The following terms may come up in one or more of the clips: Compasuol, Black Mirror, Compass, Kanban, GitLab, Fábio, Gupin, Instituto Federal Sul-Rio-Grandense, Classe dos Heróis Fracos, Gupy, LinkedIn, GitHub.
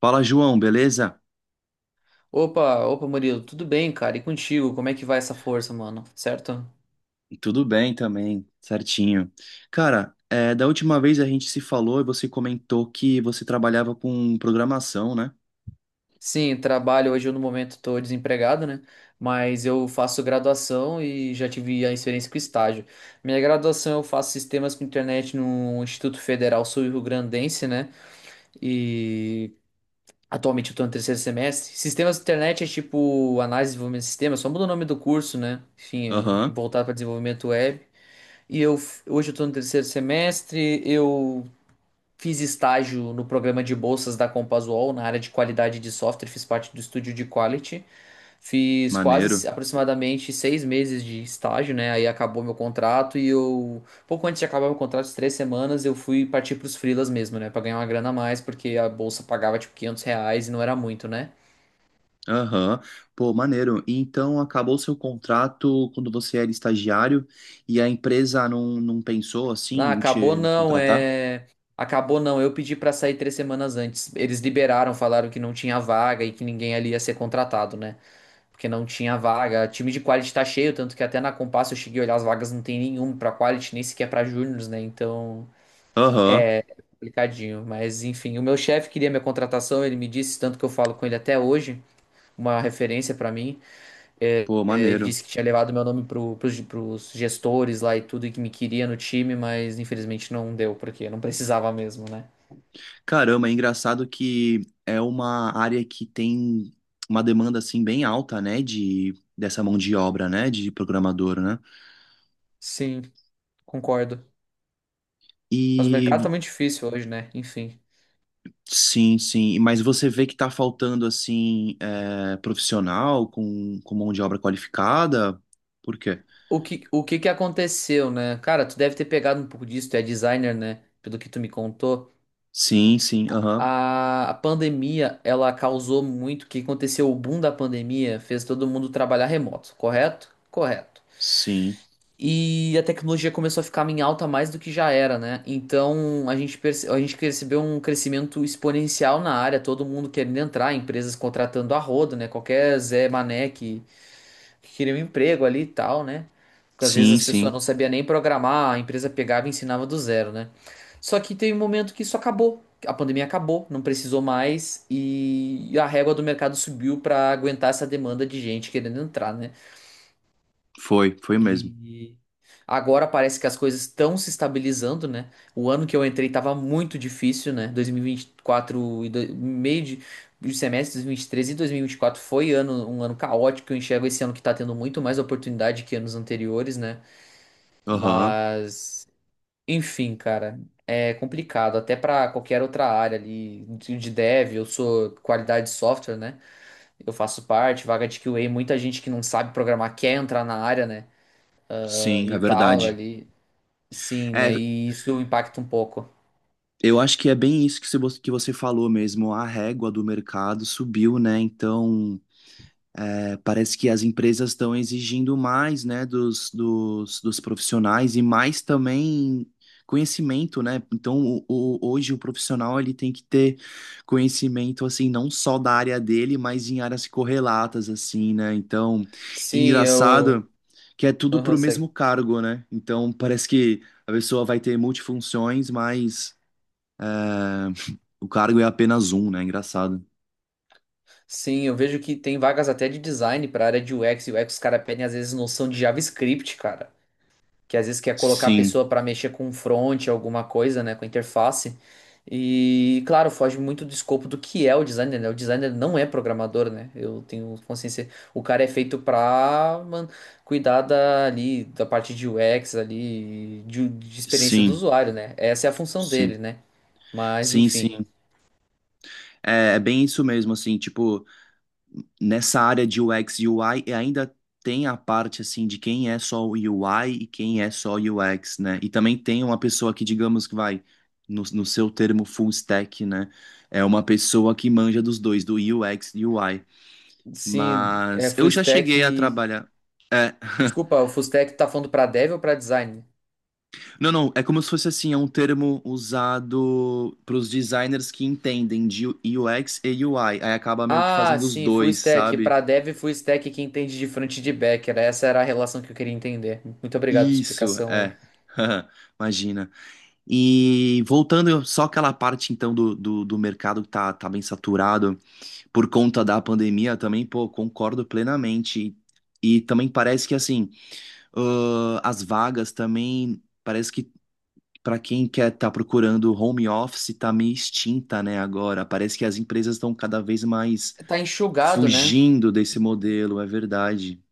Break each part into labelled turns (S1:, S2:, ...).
S1: Fala, João, beleza?
S2: Opa, opa, Murilo, tudo bem, cara? E contigo? Como é que vai essa força, mano? Certo?
S1: Tudo bem também, certinho. Cara, é, da última vez a gente se falou e você comentou que você trabalhava com programação, né?
S2: Sim, no momento estou desempregado, né? Mas eu faço graduação e já tive a experiência com estágio. Minha graduação eu faço sistemas com internet no Instituto Federal Sul-Rio-Grandense, né? E atualmente eu estou no terceiro semestre. Sistemas de internet é tipo análise e desenvolvimento de sistemas, só muda o nome do curso, né? Enfim, é
S1: Aham,
S2: voltado para desenvolvimento web. Hoje eu estou no terceiro semestre, eu. Fiz estágio no programa de bolsas da Compasuol, na área de qualidade de software, fiz parte do estúdio de quality. Fiz quase
S1: maneiro.
S2: aproximadamente seis meses de estágio, né? Aí acabou meu contrato e eu, pouco antes de acabar meu contrato, de três semanas, eu fui partir para os freelas mesmo, né? Para ganhar uma grana a mais, porque a bolsa pagava tipo R$ 500 e não era muito, né?
S1: Aham, pô, maneiro. E então acabou o seu contrato quando você era estagiário e a empresa não pensou assim
S2: Ah,
S1: em
S2: acabou
S1: te
S2: não,
S1: contratar?
S2: é. Acabou não, eu pedi para sair três semanas antes. Eles liberaram, falaram que não tinha vaga e que ninguém ali ia ser contratado, né? Porque não tinha vaga. Time de quality tá cheio, tanto que até na Compass eu cheguei a olhar as vagas, não tem nenhum pra quality, nem sequer pra júniors, né? Então,
S1: Aham,
S2: complicadinho. Mas enfim, o meu chefe queria minha contratação, ele me disse, tanto que eu falo com ele até hoje, uma referência pra mim.
S1: pô,
S2: Ele
S1: maneiro.
S2: disse que tinha levado meu nome pros gestores lá e tudo, e que me queria no time, mas infelizmente não deu, porque não precisava mesmo, né?
S1: Caramba, é engraçado que é uma área que tem uma demanda assim bem alta, né, de dessa mão de obra, né, de programador, né?
S2: Sim, concordo. Mas o
S1: E
S2: mercado tá muito difícil hoje, né? Enfim.
S1: sim, sim, mas você vê que tá faltando assim é, profissional com mão de obra qualificada? Por quê?
S2: O que que aconteceu, né? Cara, tu deve ter pegado um pouco disso, tu é designer, né? Pelo que tu me contou.
S1: Sim, sim,
S2: A,
S1: aham.
S2: a, a pandemia, ela causou muito. O que aconteceu? O boom da pandemia fez todo mundo trabalhar remoto, correto? Correto.
S1: Sim.
S2: E a tecnologia começou a ficar em alta mais do que já era, né? Então a gente percebeu um crescimento exponencial na área, todo mundo querendo entrar, empresas contratando a rodo, né? Qualquer Zé Mané que queriam um emprego ali e tal, né? Porque às vezes
S1: Sim,
S2: as pessoas
S1: sim.
S2: não sabiam nem programar, a empresa pegava e ensinava do zero, né? Só que teve um momento que isso acabou. A pandemia acabou, não precisou mais e a régua do mercado subiu para aguentar essa demanda de gente querendo entrar, né?
S1: Foi, foi mesmo.
S2: E agora parece que as coisas estão se estabilizando, né? O ano que eu entrei tava muito difícil, né? Dois mil e vinte e quatro e do- meio de semestre, dois mil e três e dois mil e vinte e quatro foi ano, um ano caótico. Eu enxergo esse ano que tá tendo muito mais oportunidade que anos anteriores, né?
S1: Aham.
S2: Mas, enfim, cara, é complicado. Até pra qualquer outra área ali de dev, eu sou qualidade de software, né? Eu faço parte, vaga de QA, muita gente que não sabe programar quer entrar na área, né?
S1: Sim, é
S2: E tal
S1: verdade.
S2: ali. Sim,
S1: É.
S2: né? E isso impacta um pouco.
S1: Eu acho que é bem isso que você falou mesmo. A régua do mercado subiu, né? Então, é, parece que as empresas estão exigindo mais, né, dos profissionais e mais também conhecimento, né? Então, hoje o profissional ele tem que ter conhecimento, assim, não só da área dele, mas em áreas correlatas, assim, né? Então,
S2: Sim, eu.
S1: engraçado que é tudo
S2: Aham,
S1: pro mesmo
S2: segue.
S1: cargo, né? Então, parece que a pessoa vai ter multifunções, mas. eh, o cargo é apenas um, né? Engraçado.
S2: Sim, eu vejo que tem vagas até de design para área de UX. E UX, os caras pedem às vezes noção de JavaScript, cara. Que às vezes quer colocar a
S1: Sim,
S2: pessoa para mexer com front, alguma coisa, né? Com interface. E, claro, foge muito do escopo do que é o designer, né? O designer não é programador, né? Eu tenho consciência. O cara é feito pra, mano, cuidar da, ali, da parte de UX, ali, de experiência do
S1: sim,
S2: usuário, né? Essa é a função dele,
S1: sim.
S2: né? Mas,
S1: Sim,
S2: enfim.
S1: sim. É, é bem isso mesmo, assim, tipo, nessa área de UX e UI e ainda tem a parte, assim, de quem é só o UI e quem é só o UX, né? E também tem uma pessoa que, digamos, que vai, no seu termo full stack, né? É uma pessoa que manja dos dois, do UX e UI.
S2: Se é
S1: Mas
S2: full
S1: eu já
S2: stack.
S1: cheguei a trabalhar. É.
S2: Desculpa, o full stack tá falando pra dev ou pra design?
S1: Não, não, é como se fosse assim, é um termo usado para os designers que entendem de UX e UI. Aí acaba meio que
S2: Ah,
S1: fazendo os
S2: sim, full
S1: dois,
S2: stack.
S1: sabe?
S2: Pra dev, full stack quem entende de front e de back. Era, essa era a relação que eu queria entender. Muito obrigado pela
S1: Isso,
S2: explicação aí.
S1: é. Imagina. E voltando só aquela parte então do mercado que tá, tá bem saturado por conta da pandemia também, pô, concordo plenamente. E também parece que assim, as vagas também. Parece que, para quem quer estar procurando home office, tá meio extinta, né, agora. Parece que as empresas estão cada vez mais
S2: Tá enxugado, né?
S1: fugindo desse modelo, é verdade.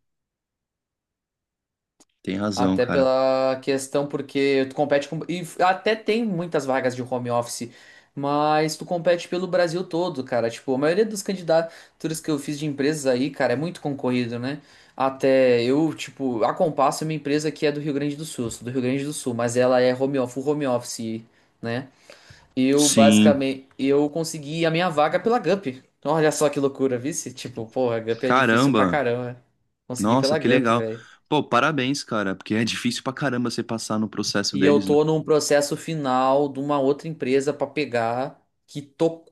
S1: Tem razão,
S2: Até
S1: cara.
S2: pela questão, porque tu compete com. E até tem muitas vagas de home office, mas tu compete pelo Brasil todo, cara. Tipo, a maioria das candidaturas que eu fiz de empresas aí, cara, é muito concorrido, né? Até eu, tipo, a Compasso é uma empresa que é do Rio Grande do Sul, sou do Rio Grande do Sul, mas ela é home office, full home office, né? Eu,
S1: Sim.
S2: basicamente, eu consegui a minha vaga pela Gupy. Olha só que loucura, vice? Tipo, porra, Gupy é difícil pra
S1: Caramba.
S2: caramba. Consegui
S1: Nossa,
S2: pela
S1: que
S2: Gupy,
S1: legal.
S2: velho.
S1: Pô, parabéns, cara, porque é difícil pra caramba você passar no processo
S2: E eu
S1: deles, né?
S2: tô num processo final de uma outra empresa pra pegar que tô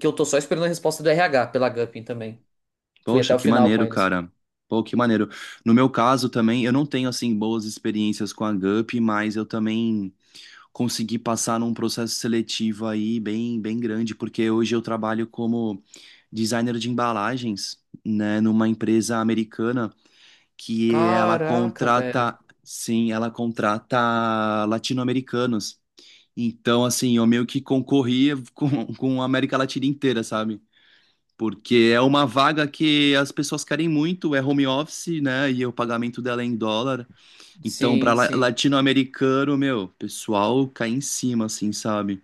S2: que eu tô só esperando a resposta do RH pela Gupin também. Fui até
S1: Poxa,
S2: o
S1: que
S2: final com
S1: maneiro,
S2: eles.
S1: cara. Pô, que maneiro. No meu caso também, eu não tenho assim boas experiências com a Gup, mas eu também conseguir passar num processo seletivo aí bem, bem grande, porque hoje eu trabalho como designer de embalagens, né, numa empresa americana que ela
S2: Caraca, velho.
S1: contrata, sim, ela contrata latino-americanos. Então, assim, eu meio que concorria com a América Latina inteira, sabe? Porque é uma vaga que as pessoas querem muito, é home office, né? E o pagamento dela é em dólar. Então, para
S2: Sim, sim.
S1: latino-americano, meu, o pessoal cai em cima, assim, sabe?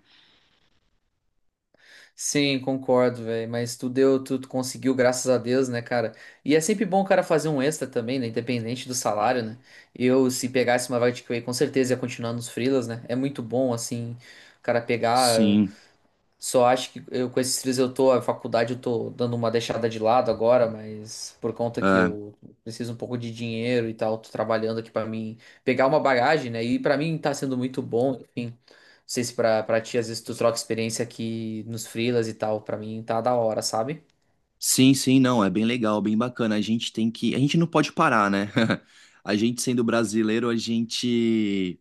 S2: Sim, concordo, velho, mas tu conseguiu, graças a Deus, né, cara? E é sempre bom o cara fazer um extra também, né, independente do salário, né? Eu, se pegasse uma vaga de QA, com certeza ia continuar nos freelas, né? É muito bom, assim, o cara pegar.
S1: Sim,
S2: Só acho que eu com esses três eu tô, a faculdade eu tô dando uma deixada de lado agora, mas por conta que
S1: é.
S2: eu preciso um pouco de dinheiro e tal, tô trabalhando aqui pra mim pegar uma bagagem, né? E pra mim tá sendo muito bom, enfim. Não sei se pra ti às vezes tu troca experiência aqui nos freelas e tal, pra mim tá da hora, sabe?
S1: Sim, sim, não, é bem legal, bem bacana. A gente tem que, a gente não pode parar, né? A gente sendo brasileiro, a gente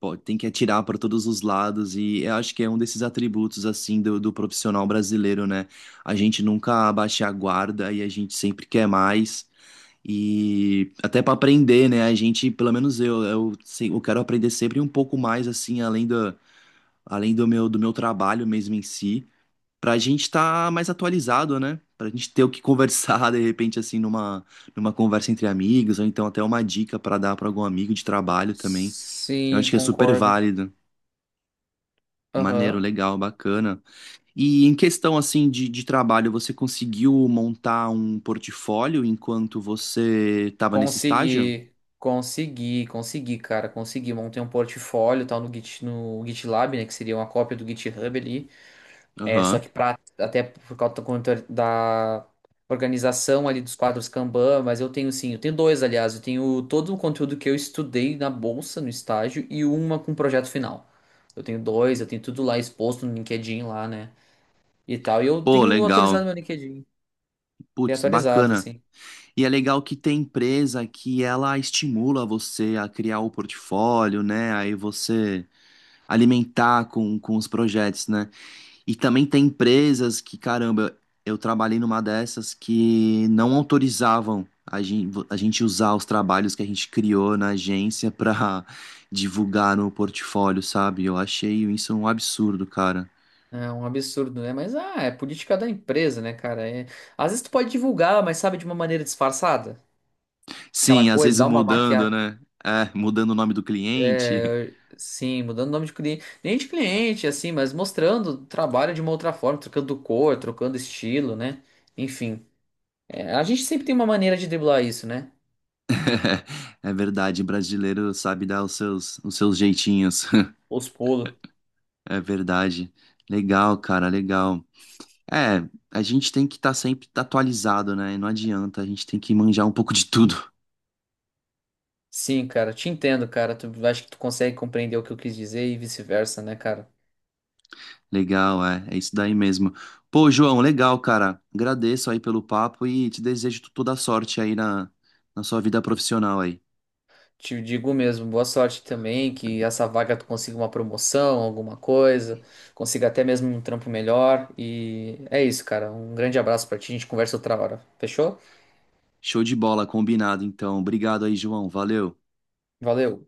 S1: pô, tem que atirar para todos os lados e eu acho que é um desses atributos assim do, do profissional brasileiro, né? A gente nunca abaixa a guarda e a gente sempre quer mais. E até para aprender, né? A gente, pelo menos eu, eu quero aprender sempre um pouco mais assim, além do, além do meu trabalho mesmo em si. Pra gente estar mais atualizado, né? Pra gente ter o que conversar, de repente, assim, numa, numa conversa entre amigos, ou então até uma dica pra dar pra algum amigo de trabalho também. Eu acho
S2: Sim,
S1: que é super
S2: concordo.
S1: válido. Maneiro,
S2: Aham.
S1: legal, bacana. E em questão, assim, de trabalho, você conseguiu montar um portfólio enquanto você estava nesse estágio?
S2: Consegui, consegui, consegui, cara, consegui. Montei um portfólio e tal no Git, no GitLab, né? Que seria uma cópia do GitHub ali. É, só
S1: Aham.
S2: que pra, até por causa da organização ali dos quadros Kanban, mas eu tenho sim, eu tenho dois, aliás, eu tenho todo o conteúdo que eu estudei na bolsa, no estágio, e uma com projeto final. Eu tenho dois, eu tenho tudo lá exposto no LinkedIn lá, né? E tal, e eu
S1: Pô,
S2: tenho atualizado
S1: legal.
S2: meu LinkedIn, tenho
S1: Putz,
S2: atualizado,
S1: bacana.
S2: assim.
S1: E é legal que tem empresa que ela estimula você a criar o portfólio, né? Aí você alimentar com os projetos, né? E também tem empresas que, caramba, eu trabalhei numa dessas que não autorizavam a gente usar os trabalhos que a gente criou na agência pra divulgar no portfólio, sabe? Eu achei isso um absurdo, cara.
S2: É um absurdo, né? Mas, ah, é política da empresa, né, cara? É... Às vezes tu pode divulgar, mas sabe, de uma maneira disfarçada. Aquela
S1: Sim, às
S2: coisa,
S1: vezes
S2: dá uma
S1: mudando,
S2: maquiagem.
S1: né? É, mudando o nome do cliente.
S2: É, sim, mudando o nome de cliente, nem de cliente, assim, mas mostrando o trabalho de uma outra forma, trocando cor, trocando estilo, né? Enfim, é, a gente sempre tem uma maneira de driblar isso, né?
S1: É é verdade, brasileiro sabe dar os seus jeitinhos.
S2: Os pulos.
S1: É verdade. Legal, cara, legal. É, a gente tem que estar sempre tá atualizado, né? Não adianta, a gente tem que manjar um pouco de tudo.
S2: Sim, cara, te entendo, cara. Tu acho que tu consegue compreender o que eu quis dizer e vice-versa, né, cara?
S1: Legal, é, é isso daí mesmo. Pô, João, legal, cara. Agradeço aí pelo papo e te desejo toda a sorte aí na, na sua vida profissional aí.
S2: Te digo mesmo, boa sorte também, que essa vaga tu consiga uma promoção, alguma coisa, consiga até mesmo um trampo melhor. E é isso, cara. Um grande abraço pra ti, a gente conversa outra hora. Fechou?
S1: Show de bola, combinado, então. Obrigado aí, João. Valeu.
S2: Valeu.